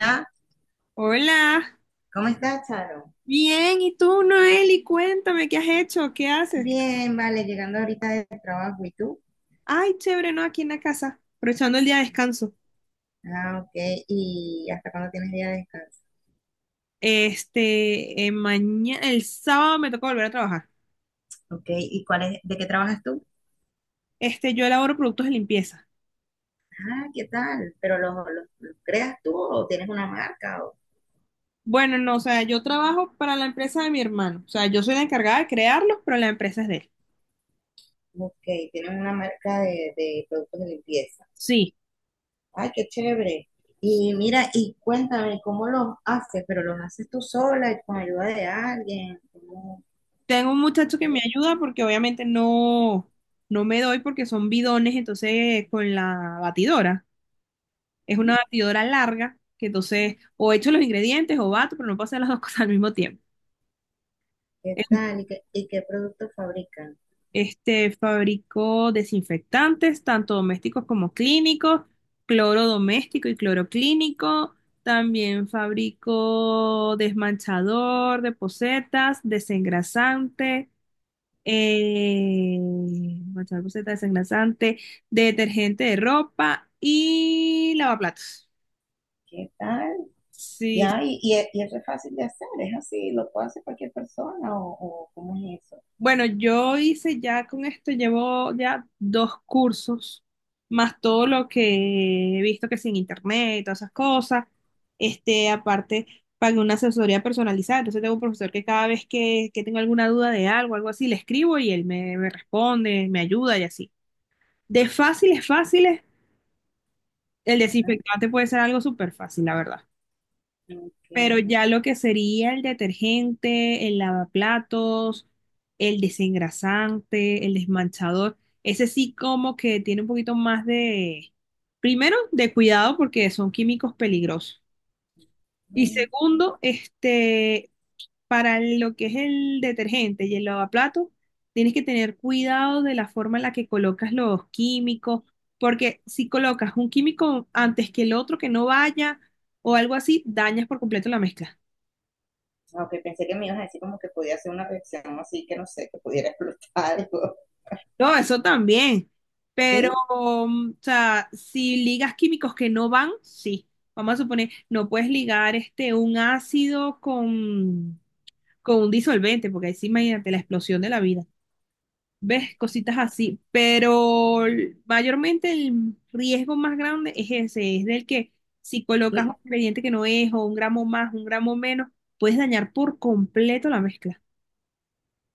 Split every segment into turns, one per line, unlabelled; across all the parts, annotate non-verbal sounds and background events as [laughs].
Ah,
Hola,
¿cómo estás, Charo?
bien, ¿y tú, Noeli? Cuéntame, ¿qué has hecho? ¿Qué haces?
Bien, vale, llegando ahorita del trabajo, ¿y tú?
Ay, chévere, ¿no? Aquí en la casa, aprovechando el día de descanso.
Ah, ok, ¿y hasta cuándo tienes día de descanso?
Este, mañana, el sábado me toca volver a trabajar.
Ok, ¿y cuál es, de qué trabajas tú?
Este, yo elaboro productos de limpieza.
Ah, ¿qué tal? ¿Pero los creas tú o tienes una marca? O,
Bueno, no, o sea, yo trabajo para la empresa de mi hermano. O sea, yo soy la encargada de crearlos, pero la empresa es de él.
ok, tienes una marca de productos de limpieza.
Sí,
Ay, qué chévere. Y mira, y cuéntame, ¿cómo los haces? ¿Pero los haces tú sola y con ayuda de alguien? ¿Cómo,
tengo un muchacho que
cómo-
me ayuda porque obviamente no, no me doy porque son bidones, entonces con la batidora. Es
¿Mm?
una batidora larga, que entonces o echo los ingredientes o bato, pero no puedo hacer las dos [laughs] cosas al mismo tiempo.
¿Qué
Es-
tal? ¿Y qué, productos fabrican?
Este fabricó desinfectantes, tanto domésticos como clínicos, cloro doméstico y cloro clínico. También fabricó desmanchador de posetas, desengrasante, desmanchador de posetas, desengrasante, detergente de ropa y lavaplatos.
¿Qué tal?
Sí,
Ya, es y es re fácil de hacer, es así, lo puede hacer cualquier persona o cómo es eso.
bueno, yo hice ya con esto, llevo ya dos cursos, más todo lo que he visto que sin internet, todas esas cosas. Este, aparte, pagué una asesoría personalizada, entonces tengo un profesor que cada vez que tengo alguna duda de algo, algo así, le escribo y él me responde, me ayuda y así. De fáciles, fáciles, el
Ajá.
desinfectante puede ser algo súper fácil, la verdad.
Ok.
Pero ya lo que sería el detergente, el lavaplatos, el desengrasante, el desmanchador, ese sí como que tiene un poquito más de, primero, de cuidado porque son químicos peligrosos. Y
Mm,
segundo, este, para lo que es el detergente y el lavaplatos, tienes que tener cuidado de la forma en la que colocas los químicos, porque si colocas un químico antes que el otro que no vaya o algo así, dañas por completo la mezcla.
ok, pensé que me ibas a decir como que podía hacer una reacción así, que no sé, que pudiera [laughs] explotar algo,
No, eso también. Pero,
¿sí?
o sea, si ligas químicos que no van, sí. Vamos a suponer, no puedes ligar este un ácido con un disolvente, porque ahí sí, imagínate la explosión de la vida. ¿Ves? Cositas así. Pero mayormente el riesgo más grande es ese, es del que si colocas
Y,
un ingrediente que no es, o un gramo más, un gramo menos, puedes dañar por completo la mezcla.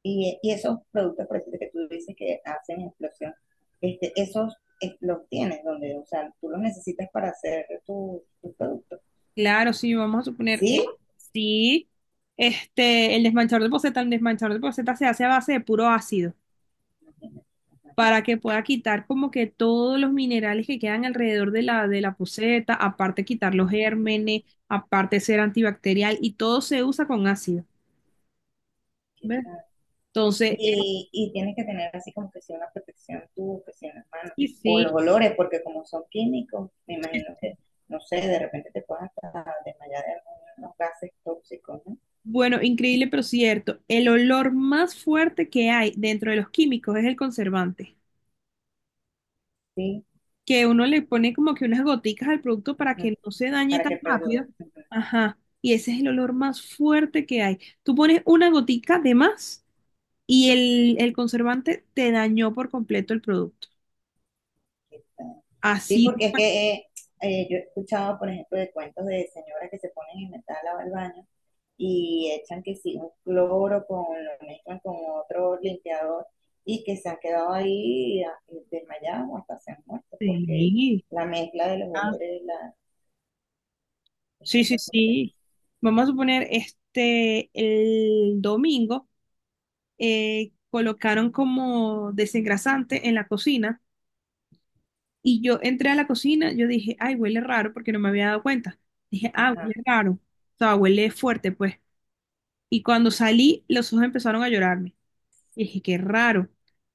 y esos productos, por ejemplo, que tú dices que hacen explosión, este, esos los tienes donde, o sea, tú los necesitas para hacer tu producto,
Claro, sí, vamos a suponer,
¿sí?
sí, este, el desmanchador de poceta, el desmanchador de poceta se hace a base de puro ácido
Imagínate, ajá.
para que pueda quitar como que todos los minerales que quedan alrededor de la poceta, aparte quitar los gérmenes, aparte ser antibacterial y todo se usa con ácido, ¿ves? Entonces,
Y tienes que tener así como que si una protección tú, que si en las manos,
sí,
o
sí,
los olores, porque como son químicos, me imagino que, no sé, de repente te puedes hasta desmayar de algunos gases tóxicos, ¿no?
bueno, increíble pero cierto, el olor más fuerte que hay dentro de los químicos es el conservante,
Sí,
que uno le pone como que unas goticas al producto para
ujú,
que no se dañe
para que
tan
perdure.
rápido.
Ujú,
Ajá. Y ese es el olor más fuerte que hay. Tú pones una gotica de más y el conservante te dañó por completo el producto.
aquí está. Sí,
Así.
porque es que yo he escuchado, por ejemplo, de cuentos de señoras que se ponen a inventar a lavar el baño y echan que sí, un cloro con, lo mezclan con otro limpiador y que se han quedado ahí desmayados o hasta se han muerto porque
Sí.
la mezcla de los
Ah,
olores la, es,
sí,
es
sí,
muy fuerte.
sí. Vamos a suponer, este, el domingo colocaron como desengrasante en la cocina. Y yo entré a la cocina, yo dije, ay, huele raro porque no me había dado cuenta. Dije, ah, huele
Ajá,
raro. O sea, huele fuerte, pues. Y cuando salí, los ojos empezaron a llorarme. Y dije, qué raro.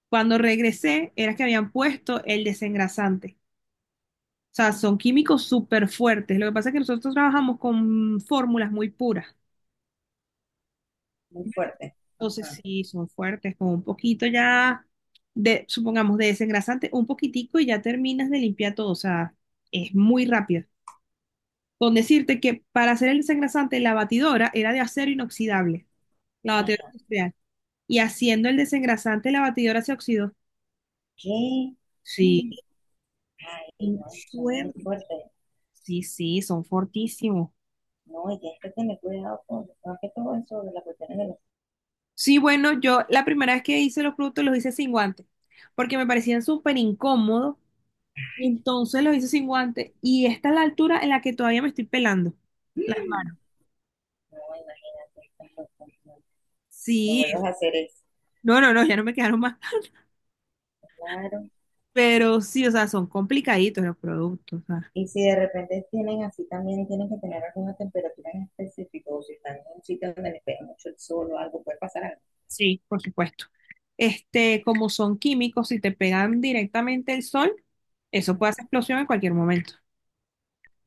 Cuando regresé, era que habían puesto el desengrasante. O sea, son químicos súper fuertes. Lo que pasa es que nosotros trabajamos con fórmulas muy puras.
muy fuerte.
Entonces,
Ajá.
sí, son fuertes, con un poquito ya de, supongamos, de desengrasante, un poquitico y ya terminas de limpiar todo. O sea, es muy rápido. Con decirte que para hacer el desengrasante la batidora era de acero inoxidable, la batidora
Ajá.
industrial. Y haciendo el desengrasante la batidora se oxidó.
¿Qué? Ay,
Sí,
no, eso es muy
suerte.
fuerte.
Sí, sí, son fortísimos.
No, y tienes que tener cuidado con, más que todo eso de las cuestiones de los.
Sí, bueno, yo la primera vez que hice los productos los hice sin guantes, porque me parecían súper incómodos. Entonces los hice sin guantes y esta es la altura en la que todavía me estoy pelando las
Mm.
manos.
No, imagínate, estás loco, no, no
Sí,
vuelvas a hacer eso.
no, no, no, ya no me quedaron más.
Claro.
Pero sí, o sea, son complicaditos los productos, o sea.
Y si de repente tienen así también, tienen que tener alguna temperatura en específico, o si están en un sitio donde les pega mucho el sol o algo, puede pasar algo.
Sí, por supuesto. Este, como son químicos, si te pegan directamente el sol, eso puede hacer explosión en cualquier momento.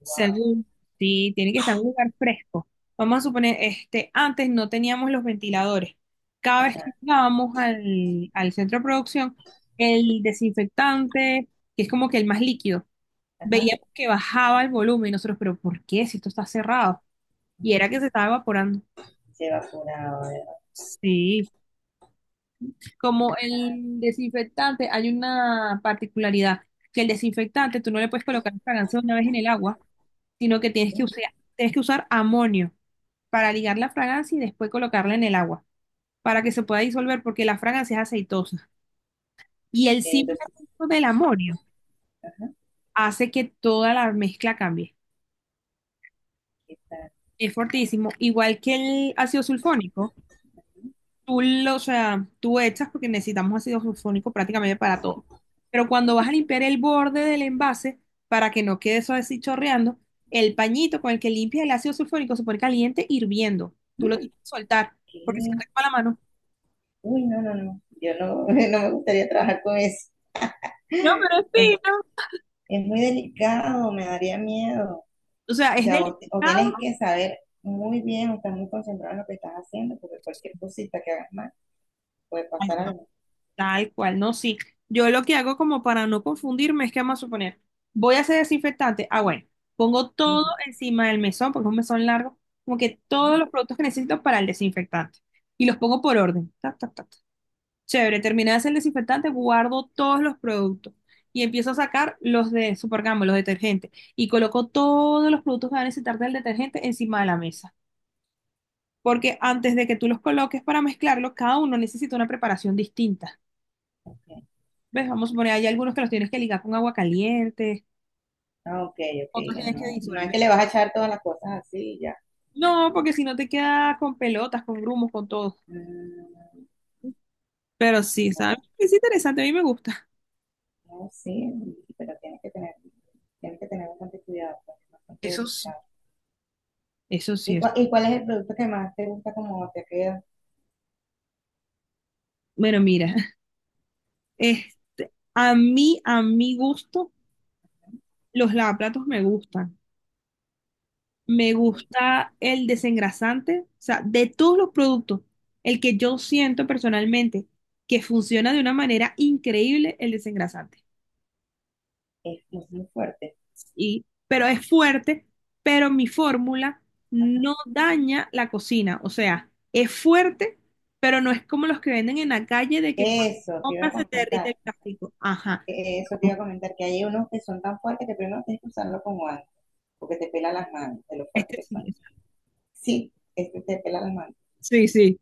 Wow,
Según, sí, tiene que estar en un lugar fresco. Vamos a suponer, este, antes no teníamos los ventiladores. Cada vez que
ajá,
llegábamos al centro de producción, el desinfectante, que es como que el más líquido,
ajá.
veíamos que bajaba el volumen y nosotros, pero ¿por qué? Si esto está cerrado. Y era que se estaba evaporando.
Se evaporaba.
Sí. Como el desinfectante, hay una particularidad, que el desinfectante tú no le puedes colocar fragancia una vez en el agua, sino que tienes que usar amonio para ligar la fragancia y después colocarla en el agua, para que se pueda disolver, porque la fragancia es aceitosa. Y el simple
Entonces,
efecto del amonio
ajá,
hace que toda la mezcla cambie.
¿qué tal?
Es fortísimo, igual que el ácido sulfónico. O sea, tú echas porque necesitamos ácido sulfónico prácticamente para todo. Pero cuando vas a limpiar el borde del envase, para que no quede eso así chorreando, el pañito con el que limpias el ácido sulfónico se pone caliente hirviendo. Tú lo tienes que soltar porque si no
¿Qué?
te quema la mano.
Uy, no, no, no. Yo no, [laughs] no me gustaría trabajar con eso.
No, pero es
Es,
fino.
es muy delicado, me daría miedo.
O sea,
O
es
sea, o tienes
delicado.
que saber muy bien, o estar muy concentrado en lo que estás haciendo, porque cualquier cosita que hagas mal puede pasar algo.
Tal cual, no, sí. Yo lo que hago como para no confundirme es que vamos a suponer, voy a hacer desinfectante. Ah, bueno, pongo todo
Ujú.
encima del mesón, porque es un mesón largo, como que todos los productos que necesito para el desinfectante. Y los pongo por orden. Ta, ta, ta, ta. Chévere, terminé de hacer el desinfectante, guardo todos los productos y empiezo a sacar los de Supergamo, los detergentes. Y coloco todos los productos que van a necesitar del detergente encima de la mesa. Porque antes de que tú los coloques para mezclarlo, cada uno necesita una preparación distinta. ¿Ves? Vamos a poner, hay algunos que los tienes que ligar con agua caliente,
Ah, ok, ok,
otros tienes que
no, no es
disolver.
que le vas a echar todas las cosas así y ya.
No, porque si no te queda con pelotas, con grumos, con todo.
Mm,
Pero sí,
bueno,
¿sabes? Es interesante, a mí me gusta.
no, sí, pero tienes que tener bastante cuidado, porque es bastante
Eso sí.
delicado.
Eso sí
¿Y,
es.
cua- y cuál es el producto que más te gusta como te queda?
Bueno, mira, es, a mí, a mi gusto, los lavaplatos me gustan. Me gusta el desengrasante, o sea, de todos los productos, el que yo siento personalmente que funciona de una manera increíble, el desengrasante.
Es muy fuerte.
Y, pero es fuerte, pero mi fórmula no daña la cocina. O sea, es fuerte, pero no es como los que venden en la calle de que cuando
Eso te iba a
compras se te derrite
comentar,
el plástico. Ajá.
que hay unos que son tan fuertes que primero tienes que usarlo con guantes, porque te pela las manos, de lo fuertes
Este
que son.
sí,
Sí, este te pela las manos.
sí, sí.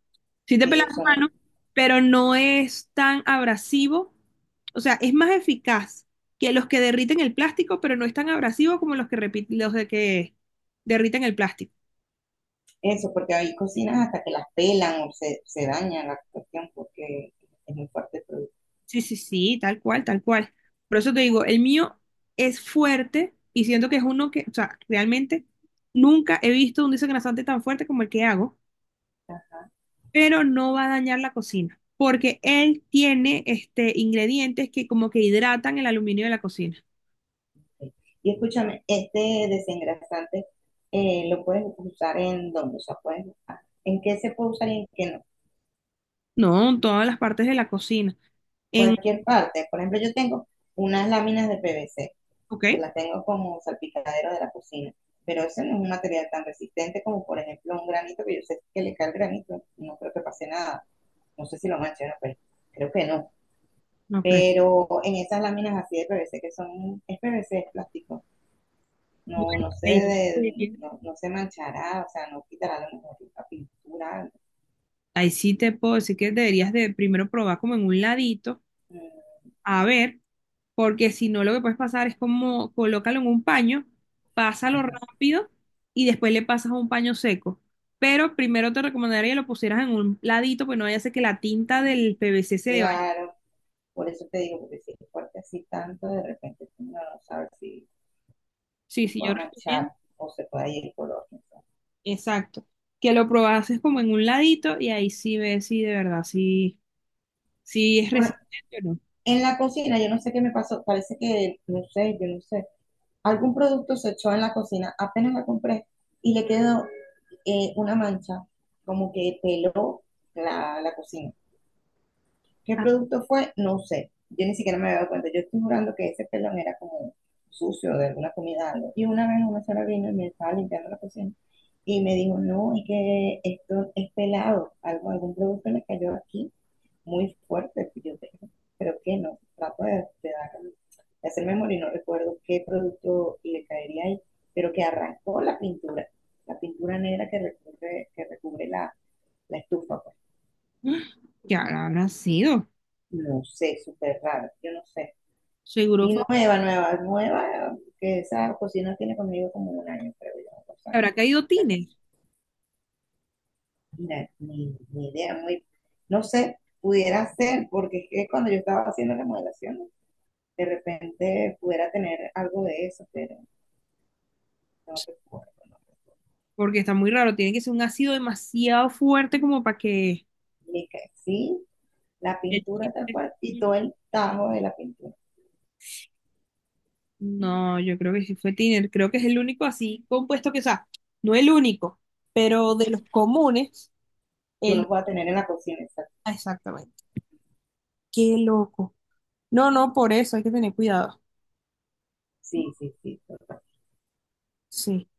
Sí te pelas
Sí,
las
son.
manos, pero no es tan abrasivo. O sea, es más eficaz que los que derriten el plástico, pero no es tan abrasivo como los que, los de que derriten el plástico.
Eso, porque hay cocinas hasta que las pelan o se daña la cuestión porque es muy fuerte el producto.
Sí, sí, sí, tal cual, tal cual. Por eso te digo, el mío es fuerte y siento que es uno que, o sea, realmente nunca he visto un desengrasante tan fuerte como el que hago, pero no va a dañar la cocina, porque él tiene este ingredientes que como que hidratan el aluminio de la cocina.
Y escúchame, este desengrasante, lo puedes usar en dónde, o sea, puedes, en qué se puede usar y en qué no.
No, en todas las partes de la cocina. En,
Cualquier parte. Por ejemplo, yo tengo unas láminas de PVC
ok,
que las tengo como salpicadero de la cocina, pero ese no es un material tan resistente como, por ejemplo, un granito, que yo sé que le cae el granito, no creo que pase nada. No sé si lo manche, pero creo que no.
no creo.
Pero en esas láminas así de PVC que son, es PVC, es plástico,
Bueno,
no, no se
ahí
de- no, no se manchará, o sea, no quitará a lo mejor la pintura.
ahí sí te puedo decir que deberías de primero probar como en un ladito,
Mm,
a ver. Porque si no lo que puedes pasar es como colócalo en un paño, pásalo
ajá.
rápido y después le pasas a un paño seco. Pero primero te recomendaría que lo pusieras en un ladito, pues no vaya a ser que la tinta del PVC se le vaya.
Claro, por eso te digo, porque si es fuerte así tanto, de repente uno no sabe si,
Sí,
si
sí, yo
pueda manchar
recomiendo.
o se puede ir el color. No sé.
Exacto. Que lo probases como en un ladito y ahí sí ves si de verdad si, si es
Bueno,
resistente o no.
en la cocina, yo no sé qué me pasó, parece que, no sé, yo no sé, algún producto se echó en la cocina, apenas la compré y le quedó, una mancha, como que peló la cocina. ¿Qué
Ah,
producto fue? No sé. Yo ni siquiera me había dado cuenta. Yo estoy jurando que ese pelón era como sucio de alguna comida, algo. Y una vez una señora vino y me estaba limpiando la cocina y me dijo, no, es que esto es pelado, algo, algún producto le cayó aquí muy fuerte que yo tengo. Creo que no. Trato de dar- de hacer memoria y no recuerdo qué producto le caería ahí, pero que arrancó la pintura. La pintura negra que recubre la estufa, pues.
[gasps] ¿qué habrá sido?
No sé, súper raro, yo no sé.
Seguro
Y
fue-
nueva, nueva, nueva, que esa cocina tiene conmigo como un año, creo yo, dos años.
Habrá caído tines,
Imagina. Ni idea, muy, no sé, pudiera ser, porque es que cuando yo estaba haciendo la modelación, de repente pudiera tener algo de eso, pero no recuerdo. ¿No?
porque está muy raro. Tiene que ser un ácido demasiado fuerte como para que
Ni que sí, la
el
pintura tal
Tiner.
cual y todo el tajo de la pintura
No, yo creo que sí fue Tiner. Creo que es el único así compuesto que, o sea, no el único, pero de los comunes,
que
el...
uno pueda tener en la cocina. Exacto.
Ah, exactamente. Qué loco. No, no, por eso hay que tener cuidado.
Sí, sí, sí. Tal cual.
Sí.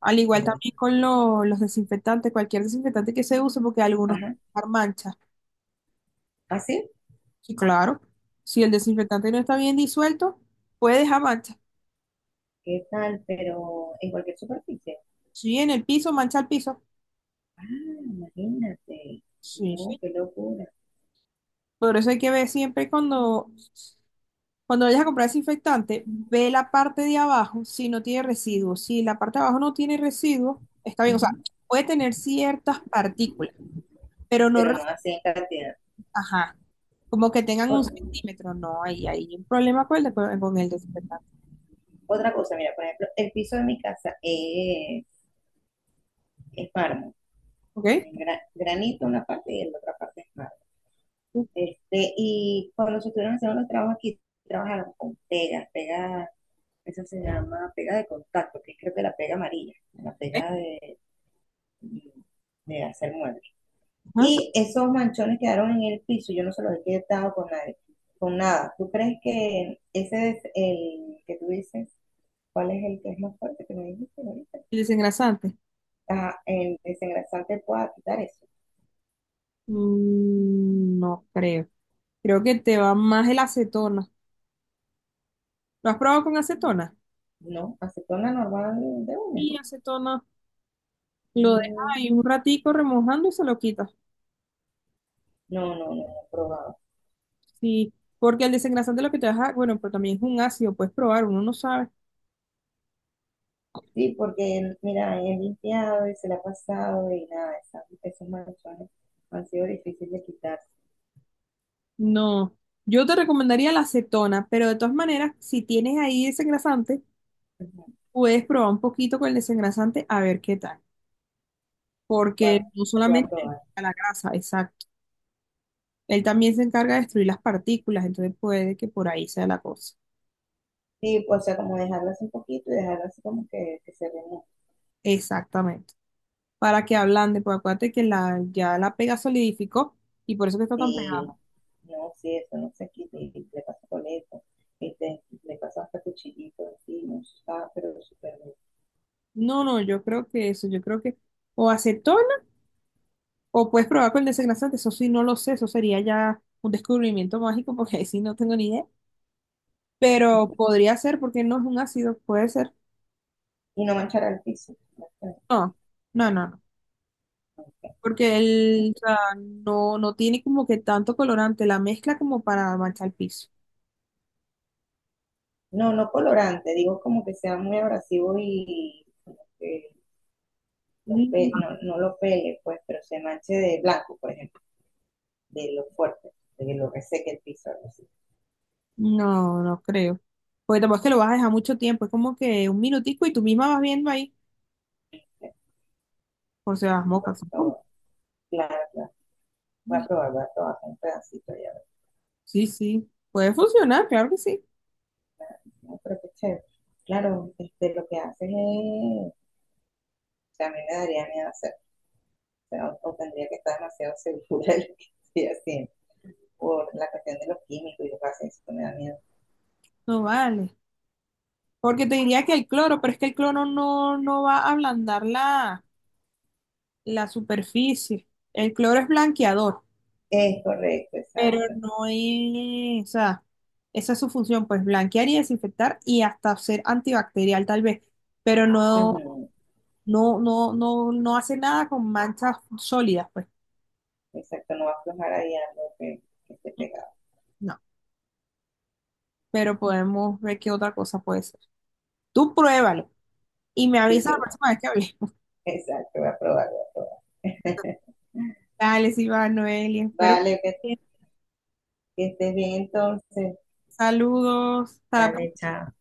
Al igual
Bueno.
también con los desinfectantes, cualquier desinfectante que se use, porque algunos
Ajá.
pueden dejar manchas.
¿Así?
Sí, claro. Si el desinfectante no está bien disuelto, puede dejar manchas.
¿Qué tal? Pero en cualquier superficie.
Si en el piso, mancha el piso.
Ah, imagínate.
Sí,
No,
sí.
qué locura.
Por eso hay que ver siempre cuando cuando vayas a comprar desinfectante, ve la parte de abajo si no tiene residuos. Si la parte de abajo no tiene residuos, está bien. O sea,
Ujú.
puede tener ciertas partículas, pero no,
Pero no así en cantidad.
ajá, como que tengan un
O-
centímetro. No, ahí hay un problema con con el desinfectante.
Otra cosa, mira, por ejemplo, el piso de mi casa es mármol.
¿Ok?
Es granito una parte y en la otra parte es mármol.
Ok,
Este, y cuando se estuvieron haciendo los trabajos aquí, trabajaron con pega, esa se llama pega de contacto, que es creo que la pega amarilla, la pega de hacer muebles.
ajá.
Y esos manchones quedaron en el piso, yo no se los he quitado con nadie, con nada. ¿Tú crees que ese es el que tú dices, cuál es el que es más fuerte que me dijiste ahorita?
El desengrasante.
Ah, el desengrasante pueda quitar eso,
Mm, no creo. Creo que te va más el acetona. ¿Lo has probado con acetona?
¿no? Acetona normal de una.
Sí, acetona. Lo dejas
Mm,
ahí un ratico remojando y se lo quitas.
no, no, no, no he probado.
Sí, porque el desengrasante lo que te deja, bueno, pero también es un ácido, puedes probar, uno no sabe.
Sí, porque mira, he limpiado y se la ha pasado y nada, esos manchones han sido difíciles de quitar.
No, yo te recomendaría la acetona, pero de todas maneras, si tienes ahí desengrasante,
Ujú.
puedes probar un poquito con el desengrasante a ver qué tal,
Voy a,
porque no
voy a
solamente él
probar.
quita la grasa, exacto, él también se encarga de destruir las partículas, entonces puede que por ahí sea la cosa.
Sí, pues, o sea, como dejarlo así un poquito y dejarlo así como que se remueva.
Exactamente, para que ablande, pues acuérdate que la, ya la pega solidificó y por eso que está tan
Sí,
pegada.
no, sí, eso no se quita y le paso coleta, este, le paso hasta cuchillito así no está, pero súper bien.
No, no, yo creo que o acetona. O puedes probar con el desengrasante, eso sí, no lo sé, eso sería ya un descubrimiento mágico [laughs] porque ahí sí no tengo ni idea. Pero
Ujú.
podría ser porque no es un ácido, puede ser.
Y no manchar el piso.
No, no, no, no. Porque el, o sea, no, no tiene como que tanto colorante la mezcla como para manchar el piso.
No, no colorante, digo como que sea muy abrasivo y como que no
Mm,
lo pele, pues, pero se manche de blanco, por ejemplo, de lo fuerte, de que lo reseque el piso, algo así.
no, no creo. Porque tampoco es que lo vas a dejar mucho tiempo, es como que un minutico y tú misma vas viendo ahí por si las mocas.
Bueno, claro, claro. Voy a probar un pedacito ya.
Sí, sí, puede funcionar, claro que sí.
No, pero qué chévere. Claro, este, lo que haces es, o sea, a mí me daría miedo hacer, o sea, o tendría que estar demasiado segura de lo que estoy haciendo, por la cuestión de los químicos y lo que hacen, eso me da miedo.
No vale. Porque te diría que el cloro, pero es que el cloro no, no va a ablandar la superficie. El cloro es blanqueador,
Es correcto,
pero
exacto.
no es, o sea, esa es su función, pues blanquear y desinfectar y hasta ser antibacterial tal vez, pero no,
Ujú,
no, no, no, no hace nada con manchas sólidas, pues
exacto, no va a aflojar ahí algo que esté pegado.
no. Pero podemos ver qué otra cosa puede ser. Tú pruébalo y me
Sí,
avisas
sí,
la próxima vez que hablemos.
exacto, voy a probar, voy a probar.
Dale, sí va, Noelia.
[laughs]
Espero que
Vale,
estés
que,
bien.
que estés bien entonces.
Saludos. Hasta la
Vale,
próxima.
chao.